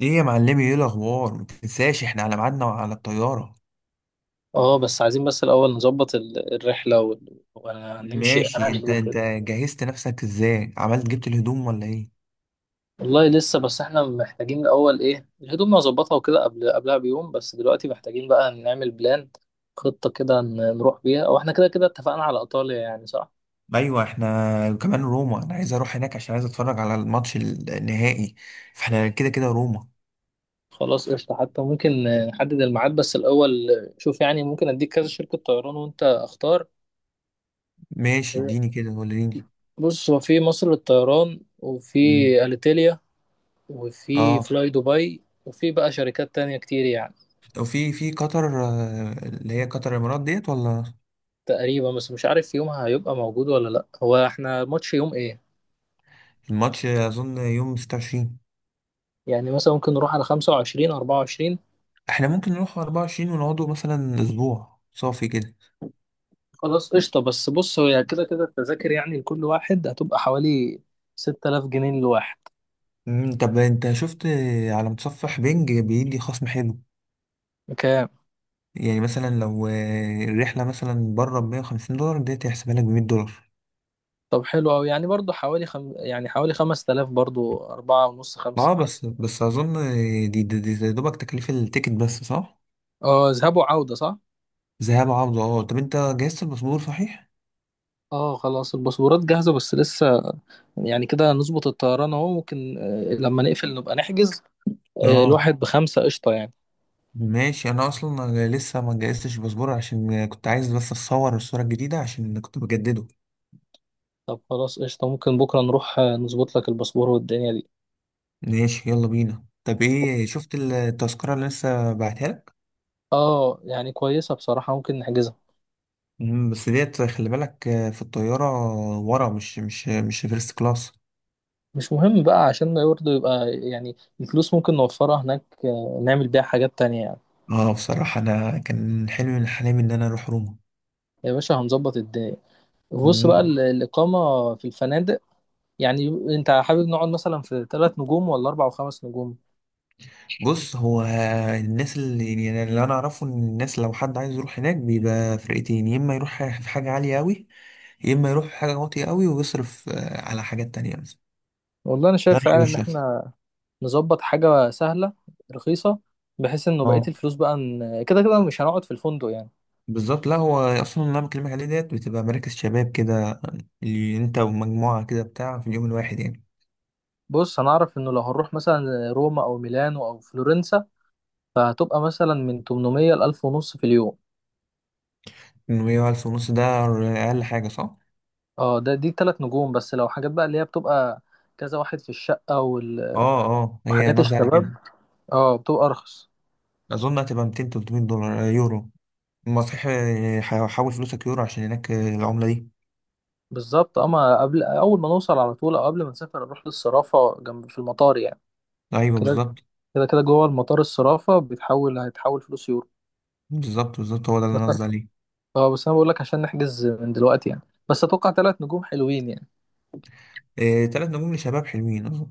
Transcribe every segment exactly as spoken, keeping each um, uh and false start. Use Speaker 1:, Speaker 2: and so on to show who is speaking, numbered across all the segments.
Speaker 1: ايه يا معلمي، ايه الاخبار؟ ما تنساش احنا على ميعادنا وعلى الطياره.
Speaker 2: اه، بس عايزين بس الاول نظبط ال- الرحله وال- وهنمشي
Speaker 1: ماشي.
Speaker 2: هنعمل
Speaker 1: انت
Speaker 2: ايه
Speaker 1: انت
Speaker 2: كده؟
Speaker 1: جهزت نفسك ازاي؟ عملت جبت الهدوم ولا ايه؟
Speaker 2: والله لسه، بس احنا محتاجين الاول ايه الهدوم نظبطها وكده قبل قبلها بيوم. بس دلوقتي محتاجين بقى نعمل بلان خطه كده ن- نروح بيها. او احنا كده كده اتفقنا على ايطاليا يعني، صح؟
Speaker 1: ايوه، احنا كمان روما. انا عايز اروح هناك عشان عايز اتفرج على الماتش النهائي. فاحنا كده كده روما.
Speaker 2: خلاص قشطه، حتى ممكن نحدد الميعاد بس الاول. شوف، يعني ممكن اديك كذا شركه طيران وانت اختار.
Speaker 1: ماشي، اديني كده وريني.
Speaker 2: بص، هو في مصر للطيران، وفي
Speaker 1: مم.
Speaker 2: اليتيليا، وفي
Speaker 1: اه.
Speaker 2: فلاي دبي، وفي بقى شركات تانية كتير يعني.
Speaker 1: وفي في قطر، آه، اللي هي قطر الامارات ديت ولا؟
Speaker 2: تقريبا، بس مش عارف يومها هيبقى موجود ولا لا. هو احنا ماتش يوم ايه؟
Speaker 1: الماتش اظن يوم ستة وعشرين.
Speaker 2: يعني مثلا ممكن نروح على خمسة وعشرين أربعة وعشرين.
Speaker 1: احنا ممكن نروح أربعة وعشرين ونقعدوا مثلا اسبوع صافي كده.
Speaker 2: خلاص قشطة، بس بص هو يعني كده كده التذاكر يعني لكل واحد هتبقى حوالي ستة آلاف جنيه للواحد.
Speaker 1: مم، طب انت شفت على متصفح بينج بيدي خصم حلو.
Speaker 2: كام؟
Speaker 1: يعني مثلا لو آه، الرحلة مثلا بره ب مية وخمسين دولار ديت هيحسبها لك ب مية دولار.
Speaker 2: طب حلو أوي، يعني برضو حوالي خم... يعني حوالي خمس آلاف، برضو أربعة ونص خمسة.
Speaker 1: اه، بس بس اظن دي دي, دي يا دوبك تكلفة التيكت بس صح؟
Speaker 2: اه، ذهاب وعودة صح؟
Speaker 1: ذهاب عودة اه. طب انت جهزت الباسبور صحيح؟
Speaker 2: اه، خلاص الباسبورات جاهزة بس لسه، يعني كده نظبط الطيران اهو، ممكن آه، لما نقفل نبقى نحجز. آه،
Speaker 1: اه.
Speaker 2: الواحد بخمسة قشطة يعني.
Speaker 1: ماشي، انا اصلا لسه ما جهزتش الباسبور عشان كنت عايز بس اتصور الصورة الجديدة عشان كنت بجدده.
Speaker 2: طب خلاص قشطة، ممكن بكرة نروح آه، نظبط لك الباسبور والدنيا دي.
Speaker 1: ماشي، يلا بينا. طب ايه، شفت التذكرة اللي لسه بعتها لك؟
Speaker 2: اه، يعني كويسة بصراحة، ممكن نحجزها.
Speaker 1: مم، بس ديت خلي بالك آه، في الطيارة ورا مش مش مش فيرست كلاس.
Speaker 2: مش مهم بقى، عشان ما برضه يبقى يعني الفلوس ممكن نوفرها هناك، آه، نعمل بيها حاجات تانية يعني.
Speaker 1: اه بصراحة، أنا كان حلمي من حلمي إن أنا أروح روما.
Speaker 2: يا باشا، هنظبط الدنيا. بص بقى
Speaker 1: مم.
Speaker 2: ال- الإقامة في الفنادق، يعني انت حابب نقعد مثلا في ثلاث نجوم ولا أربع وخمس نجوم؟
Speaker 1: بص هو، الناس اللي يعني اللي أنا أعرفه إن الناس لو حد عايز يروح هناك بيبقى فرقتين، يا إما يروح في حاجة عالية أوي يا إما يروح في حاجة واطية أوي ويصرف آه، على حاجات تانية مثلا.
Speaker 2: والله أنا
Speaker 1: ده
Speaker 2: شايف
Speaker 1: رأيي
Speaker 2: فعلا إن
Speaker 1: الشخصي.
Speaker 2: احنا نظبط حاجة سهلة رخيصة، بحيث إنه بقية
Speaker 1: اه
Speaker 2: الفلوس بقى ن- كده كده مش هنقعد في الفندق يعني.
Speaker 1: بالظبط. لا، هو أصلا اللي أنا بكلمك عليه ديت بتبقى مراكز شباب كده، اللي أنت ومجموعة كده بتاع في اليوم الواحد يعني.
Speaker 2: بص، انا اعرف انه لو هنروح مثلا روما او ميلانو او فلورنسا، فهتبقى مثلا من ثمنمية ل ألف ونص في اليوم.
Speaker 1: مية وألف ونص ده أقل حاجة صح؟
Speaker 2: اه، ده دي تلات نجوم، بس لو حاجات بقى اللي هي بتبقى كذا واحد في الشقة وال-
Speaker 1: اه اه، هي
Speaker 2: وحاجات
Speaker 1: قصدي على
Speaker 2: الشباب
Speaker 1: كده.
Speaker 2: اه بتبقى ارخص.
Speaker 1: أظن هتبقى ميتين تلتمية دولار آه، يورو. ما صحيح، آه، ح- حول فلوسك يورو عشان هناك آه، العملة دي.
Speaker 2: بالظبط، اما قبل اول ما نوصل على طول، او قبل ما نسافر نروح للصرافة جنب في المطار يعني.
Speaker 1: أيوه
Speaker 2: كده،
Speaker 1: بالظبط.
Speaker 2: كده كده جوه المطار الصرافة بيتحول هيتحول فلوس يورو.
Speaker 1: بالظبط بالظبط، هو ده اللي
Speaker 2: بس
Speaker 1: أنا قصدي
Speaker 2: أنا-
Speaker 1: عليه.
Speaker 2: اه بس انا بقول لك عشان نحجز من دلوقتي يعني. بس اتوقع تلات نجوم حلوين يعني.
Speaker 1: آه، تلات نجوم لشباب حلوين أظن.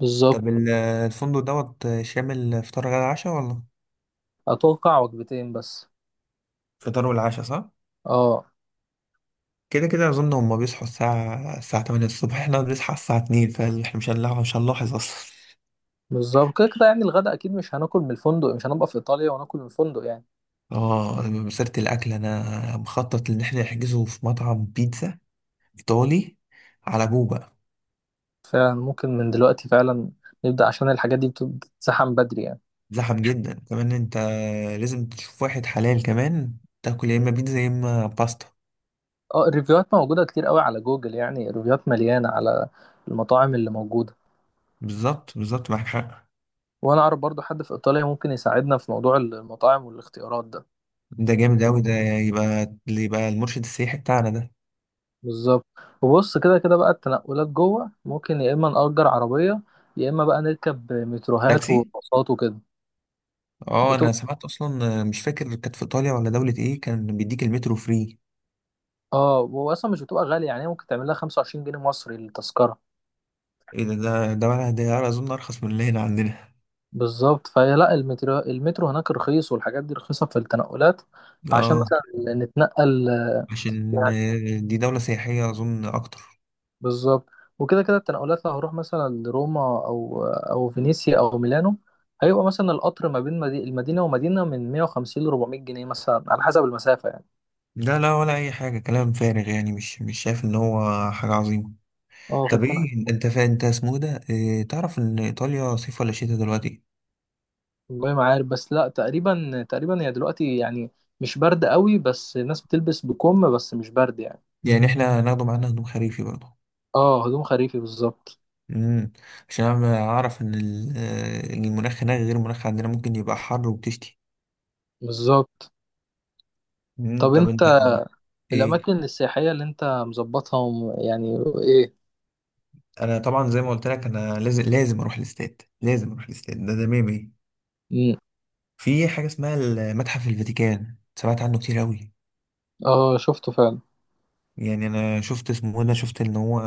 Speaker 2: بالظبط،
Speaker 1: طب ال- آه، الفندق دوت آه، شامل فطار غدا عشاء ولا؟
Speaker 2: اتوقع وجبتين بس.
Speaker 1: فطار والعشاء صح؟
Speaker 2: اه
Speaker 1: كده كده أظن هما بيصحوا الساعة الساعة تمانية الصبح احنا بنصحى الساعة اتنين، فاحنا مش هنلاحظ مش هنلاحظ أصلا.
Speaker 2: بالظبط، كده كده يعني الغدا اكيد مش هناكل من الفندق، مش هنبقى في ايطاليا وناكل من الفندق يعني.
Speaker 1: اه، مسيرة الأكل أنا مخطط إن احنا نحجزه في مطعم بيتزا إيطالي على جوه بقى.
Speaker 2: فعلا ممكن من دلوقتي فعلا نبدا، عشان الحاجات دي بت- بتتسحم بدري يعني.
Speaker 1: زحم جدا. كمان أنت لازم تشوف واحد حلال كمان، تاكل يا إما بيتزا يا إما باستا.
Speaker 2: اه، الريفيوهات موجوده كتير قوي على جوجل، يعني الريفيوهات مليانه على المطاعم اللي موجوده.
Speaker 1: بالظبط بالظبط، معاك حق.
Speaker 2: وانا اعرف برضو حد في ايطاليا ممكن يساعدنا في موضوع المطاعم والاختيارات ده.
Speaker 1: ده جامد أوي، ده يبقى اللي يبقى المرشد السياحي بتاعنا ده.
Speaker 2: بالظبط. وبص، كده كده بقى التنقلات جوه ممكن يا اما نأجر عربيه، يا اما بقى نركب متروهات
Speaker 1: تاكسي.
Speaker 2: وباصات وكده.
Speaker 1: اه أنا سمعت أصلا، مش فاكر كانت في إيطاليا ولا دولة إيه، كان بيديك المترو فري.
Speaker 2: اه، واصلا مش بتبقى غاليه يعني، ممكن تعمل لها خمسة وعشرين جنيه مصري التذكره.
Speaker 1: إيه ده؟ ده ده ولا ده أظن أرخص من اللي هنا عندنا.
Speaker 2: بالظبط، فهي لا، المترو المترو هناك رخيص، والحاجات دي رخيصه في التنقلات، عشان
Speaker 1: اه
Speaker 2: مثلا نتنقل
Speaker 1: عشان
Speaker 2: يعني.
Speaker 1: دي دولة سياحية أظن أكتر.
Speaker 2: بالظبط، وكده كده التنقلات لو هروح مثلا لروما او او فينيسيا او ميلانو، هيبقى مثلا القطر ما بين مدي- المدينه ومدينه من مية وخمسين ل أربعمئة جنيه مثلا على حسب المسافه يعني.
Speaker 1: لا لا، ولا اي حاجه، كلام فارغ يعني، مش مش شايف ان هو حاجه عظيمه.
Speaker 2: اه،
Speaker 1: طب
Speaker 2: فالتنقل.
Speaker 1: ايه انت، فا انت اسمه إيه ده، إيه تعرف ان ايطاليا صيف ولا شتاء دلوقتي؟
Speaker 2: والله ما عارف، بس لا تقريبا، تقريبا هي دلوقتي يعني مش برد قوي، بس الناس بتلبس بكم بس مش برد يعني.
Speaker 1: يعني احنا هناخده معانا هدوم خريفي برضه.
Speaker 2: اه، هجوم خريفي بالظبط.
Speaker 1: امم، عشان انا اعرف ان ال- آه، المناخ هناك غير المناخ عندنا، ممكن يبقى حر وبتشتي.
Speaker 2: بالظبط.
Speaker 1: امم
Speaker 2: طب
Speaker 1: طب انت.
Speaker 2: انت
Speaker 1: ايه.
Speaker 2: الاماكن السياحيه اللي انت مظبطها وم- يعني ايه؟
Speaker 1: انا طبعا زي ما قلت لك، انا لازم لازم اروح الاستاد، لازم اروح الاستاد ده ده ميمي.
Speaker 2: مم.
Speaker 1: في حاجه اسمها المتحف الفاتيكان، سمعت عنه كتير قوي.
Speaker 2: اه شفته فعلا.
Speaker 1: يعني انا شفت اسمه، انا شفت ان هو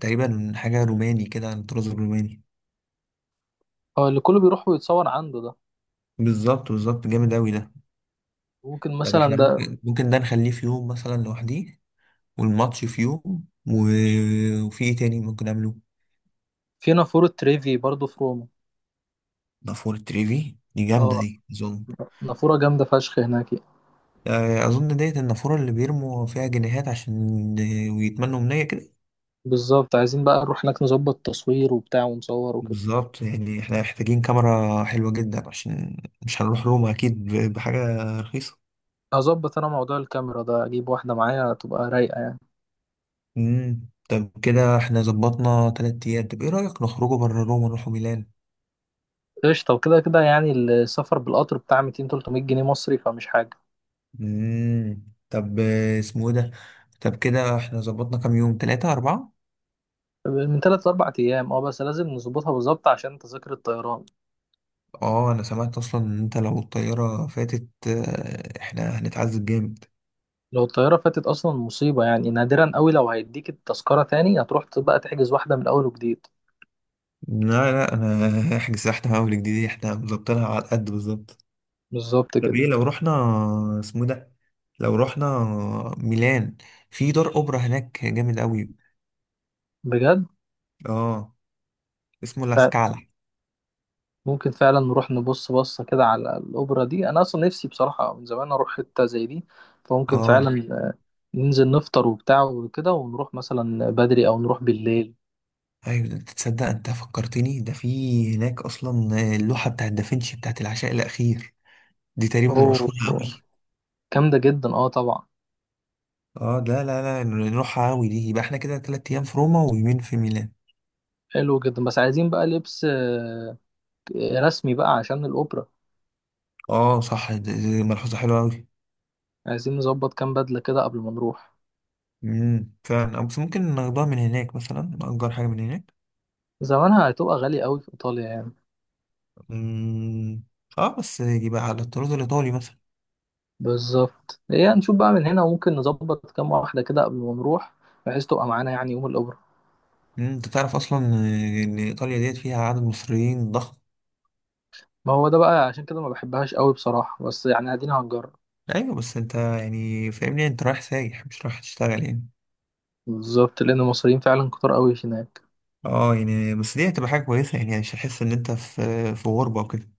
Speaker 1: تقريبا حاجه روماني كده عن الطراز الروماني.
Speaker 2: اه، اللي كله بيروح ويتصور عنده ده.
Speaker 1: بالظبط بالظبط، جامد اوي ده.
Speaker 2: ممكن
Speaker 1: طب
Speaker 2: مثلا
Speaker 1: احنا
Speaker 2: ده.
Speaker 1: ممكن ممكن ده نخليه في يوم مثلا لوحديه، والماتش في يوم و... وفي ايه تاني ممكن نعمله.
Speaker 2: في نافوره تريفي برضو في روما.
Speaker 1: نافورة تريفي دي
Speaker 2: اه،
Speaker 1: جامده دي اظن.
Speaker 2: نافوره جامده فشخ هناك.
Speaker 1: آه، اظن ديت النافوره اللي بيرموا فيها جنيهات عشان ويتمنوا منية كده.
Speaker 2: بالظبط، عايزين بقى نروح هناك نظبط تصوير وبتاع ونصور وكده.
Speaker 1: بالظبط، يعني احنا محتاجين كاميرا حلوه جدا عشان مش هنروح روما اكيد ب- بحاجه رخيصه.
Speaker 2: هظبط انا موضوع الكاميرا ده، اجيب واحده معايا تبقى رايقه يعني.
Speaker 1: امم، طب كده احنا ظبطنا تلات ايام. طب ايه رأيك نخرجوا بره روما نروحوا ميلان؟
Speaker 2: قشطه، وكده كده يعني السفر بالقطر بتاع ميتين ثلاثمئة جنيه مصري، فمش حاجه.
Speaker 1: امم. طب آه، اسمه ايه ده. طب كده احنا ظبطنا كام يوم، تلاتة أربعة.
Speaker 2: من ثلاث لأربع أيام، اه بس لازم نظبطها بالظبط عشان تذاكر الطيران.
Speaker 1: اه انا سمعت اصلا ان انت لو الطيارة فاتت آه، احنا هنتعذب جامد.
Speaker 2: لو الطيارة فاتت أصلا مصيبة يعني، نادرا قوي لو هيديك التذكرة تاني، هتروح بقى تحجز واحدة من أول وجديد.
Speaker 1: لا لا انا احجز احنا من اول جديد، احنا مظبطينها على قد بالظبط.
Speaker 2: بالظبط
Speaker 1: طب
Speaker 2: كده.
Speaker 1: ايه لو رحنا، اسمه إيه ده، لو رحنا ميلان، في دار اوبرا هناك جامد قوي.
Speaker 2: بجد.
Speaker 1: اه اسمه
Speaker 2: ف-
Speaker 1: لاسكالا.
Speaker 2: ممكن فعلا نروح نبص بصة كده على الأوبرا دي، أنا أصلا نفسي بصراحة من زمان أروح حتة زي دي. فممكن
Speaker 1: اه
Speaker 2: فعلا آه، ننزل نفطر وبتاع وكده، ونروح مثلا بدري أو نروح بالليل.
Speaker 1: ايوه، ده انت تصدق، انت فكرتني، ده في هناك اصلا اللوحه بتاعت دافنشي بتاعت العشاء الاخير، دي تقريبا
Speaker 2: أوه،
Speaker 1: مشهوره قوي.
Speaker 2: جامدة جدا اه طبعا.
Speaker 1: اه لا لا لا نروحها قوي دي. يبقى احنا كده تلات ايام في روما ويومين في ميلان.
Speaker 2: حلو جدا، بس عايزين بقى لبس آه، رسمي بقى عشان الأوبرا.
Speaker 1: اه صح، دي دي ملحوظه حلوه قوي.
Speaker 2: عايزين نظبط كام بدلة كده قبل ما نروح.
Speaker 1: امم فعلا، بس ممكن ناخدها من هناك مثلا، نأجر حاجه من هناك.
Speaker 2: زمانها هتبقى غالية قوي في إيطاليا يعني.
Speaker 1: امم. اه بس يبقى على الطراز الايطالي مثلا.
Speaker 2: بالظبط، هي نشوف بقى من هنا وممكن نظبط كام واحدة كده قبل ما نروح، بحيث تبقى معانا يعني يوم الأوبرا.
Speaker 1: مم، انت تعرف اصلا ان ايطاليا ديت فيها عدد مصريين ضخم.
Speaker 2: ما هو ده بقى عشان كده ما بحبهاش قوي بصراحة، بس يعني ادينا هنجرب.
Speaker 1: ايوه بس انت يعني فاهمني، انت رايح سايح مش رايح تشتغل يعني.
Speaker 2: بالظبط، لأن المصريين فعلا كتار قوي هناك.
Speaker 1: اه يعني، بس دي هتبقى حاجة كويسة يعني، يعني مش هتحس ان انت في في غربة وكده.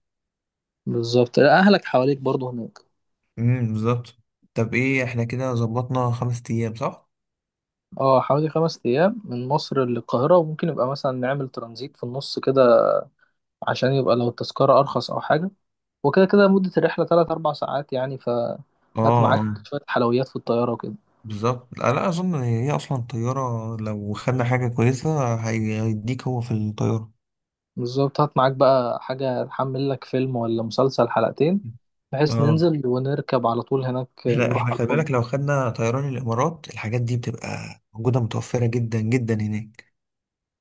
Speaker 2: بالظبط، لا، أهلك حواليك برضو هناك.
Speaker 1: امم بالظبط. طب ايه، احنا كده ظبطنا خمس ايام صح؟
Speaker 2: اه، حوالي خمس أيام من مصر للقاهرة، وممكن يبقى مثلا نعمل ترانزيت في النص كده، عشان يبقى لو التذكرة أرخص أو حاجة. وكده كده مدة الرحلة تلات أربع ساعات يعني،
Speaker 1: اه.
Speaker 2: فهات معاك
Speaker 1: آه،
Speaker 2: شوية حلويات في الطيارة وكده.
Speaker 1: بالظبط. لا لا، اظن هي اصلا الطيارة لو خدنا حاجة كويسة، هي- هيديك هو في الطيارة.
Speaker 2: بالظبط، هات معاك بقى حاجة تحمل لك فيلم ولا مسلسل حلقتين، بحيث
Speaker 1: اه،
Speaker 2: ننزل ونركب على طول هناك
Speaker 1: احنا
Speaker 2: نروح
Speaker 1: احنا
Speaker 2: على
Speaker 1: خلي
Speaker 2: الفندق.
Speaker 1: بالك لو خدنا طيران الامارات، الحاجات دي بتبقى موجودة متوفرة جدا جدا هناك.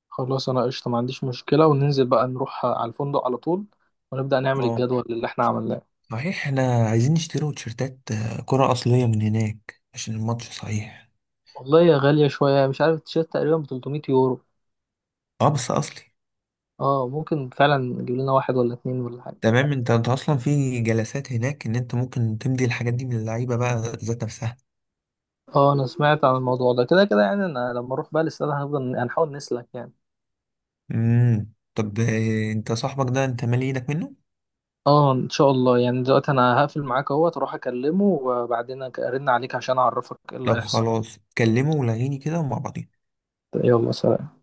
Speaker 2: خلاص أنا قشطة، ما عنديش مشكلة، وننزل بقى نروح على الفندق على طول، ونبدأ نعمل
Speaker 1: اه
Speaker 2: الجدول اللي احنا عملناه.
Speaker 1: صحيح، احنا عايزين نشتري تيشيرتات آه، كرة اصلية من هناك عشان الماتش صحيح.
Speaker 2: والله يا غالية شوية، مش عارف التيشيرت تقريبا ب ثلاثمئة يورو.
Speaker 1: اه بس اصلي.
Speaker 2: اه، ممكن فعلا نجيب لنا واحد ولا اتنين ولا حاجة.
Speaker 1: تمام، انت انت اصلا في جلسات هناك ان انت ممكن تمضي الحاجات دي من اللعيبه بقى ذات نفسها.
Speaker 2: اه انا سمعت عن الموضوع ده، كده كده يعني انا لما اروح بقى الاستاد هنفضل هنحاول نسلك يعني.
Speaker 1: امم، طب آه، انت صاحبك ده انت مالي ايدك منه؟
Speaker 2: اه ان شاء الله، يعني دلوقتي انا هقفل معاك اهو تروح اكلمه، وبعدين ارن عليك عشان اعرفك ايه اللي
Speaker 1: طب
Speaker 2: هيحصل.
Speaker 1: خلاص كلمه ولغيني كده ومع بعضين.
Speaker 2: يلا، سلام.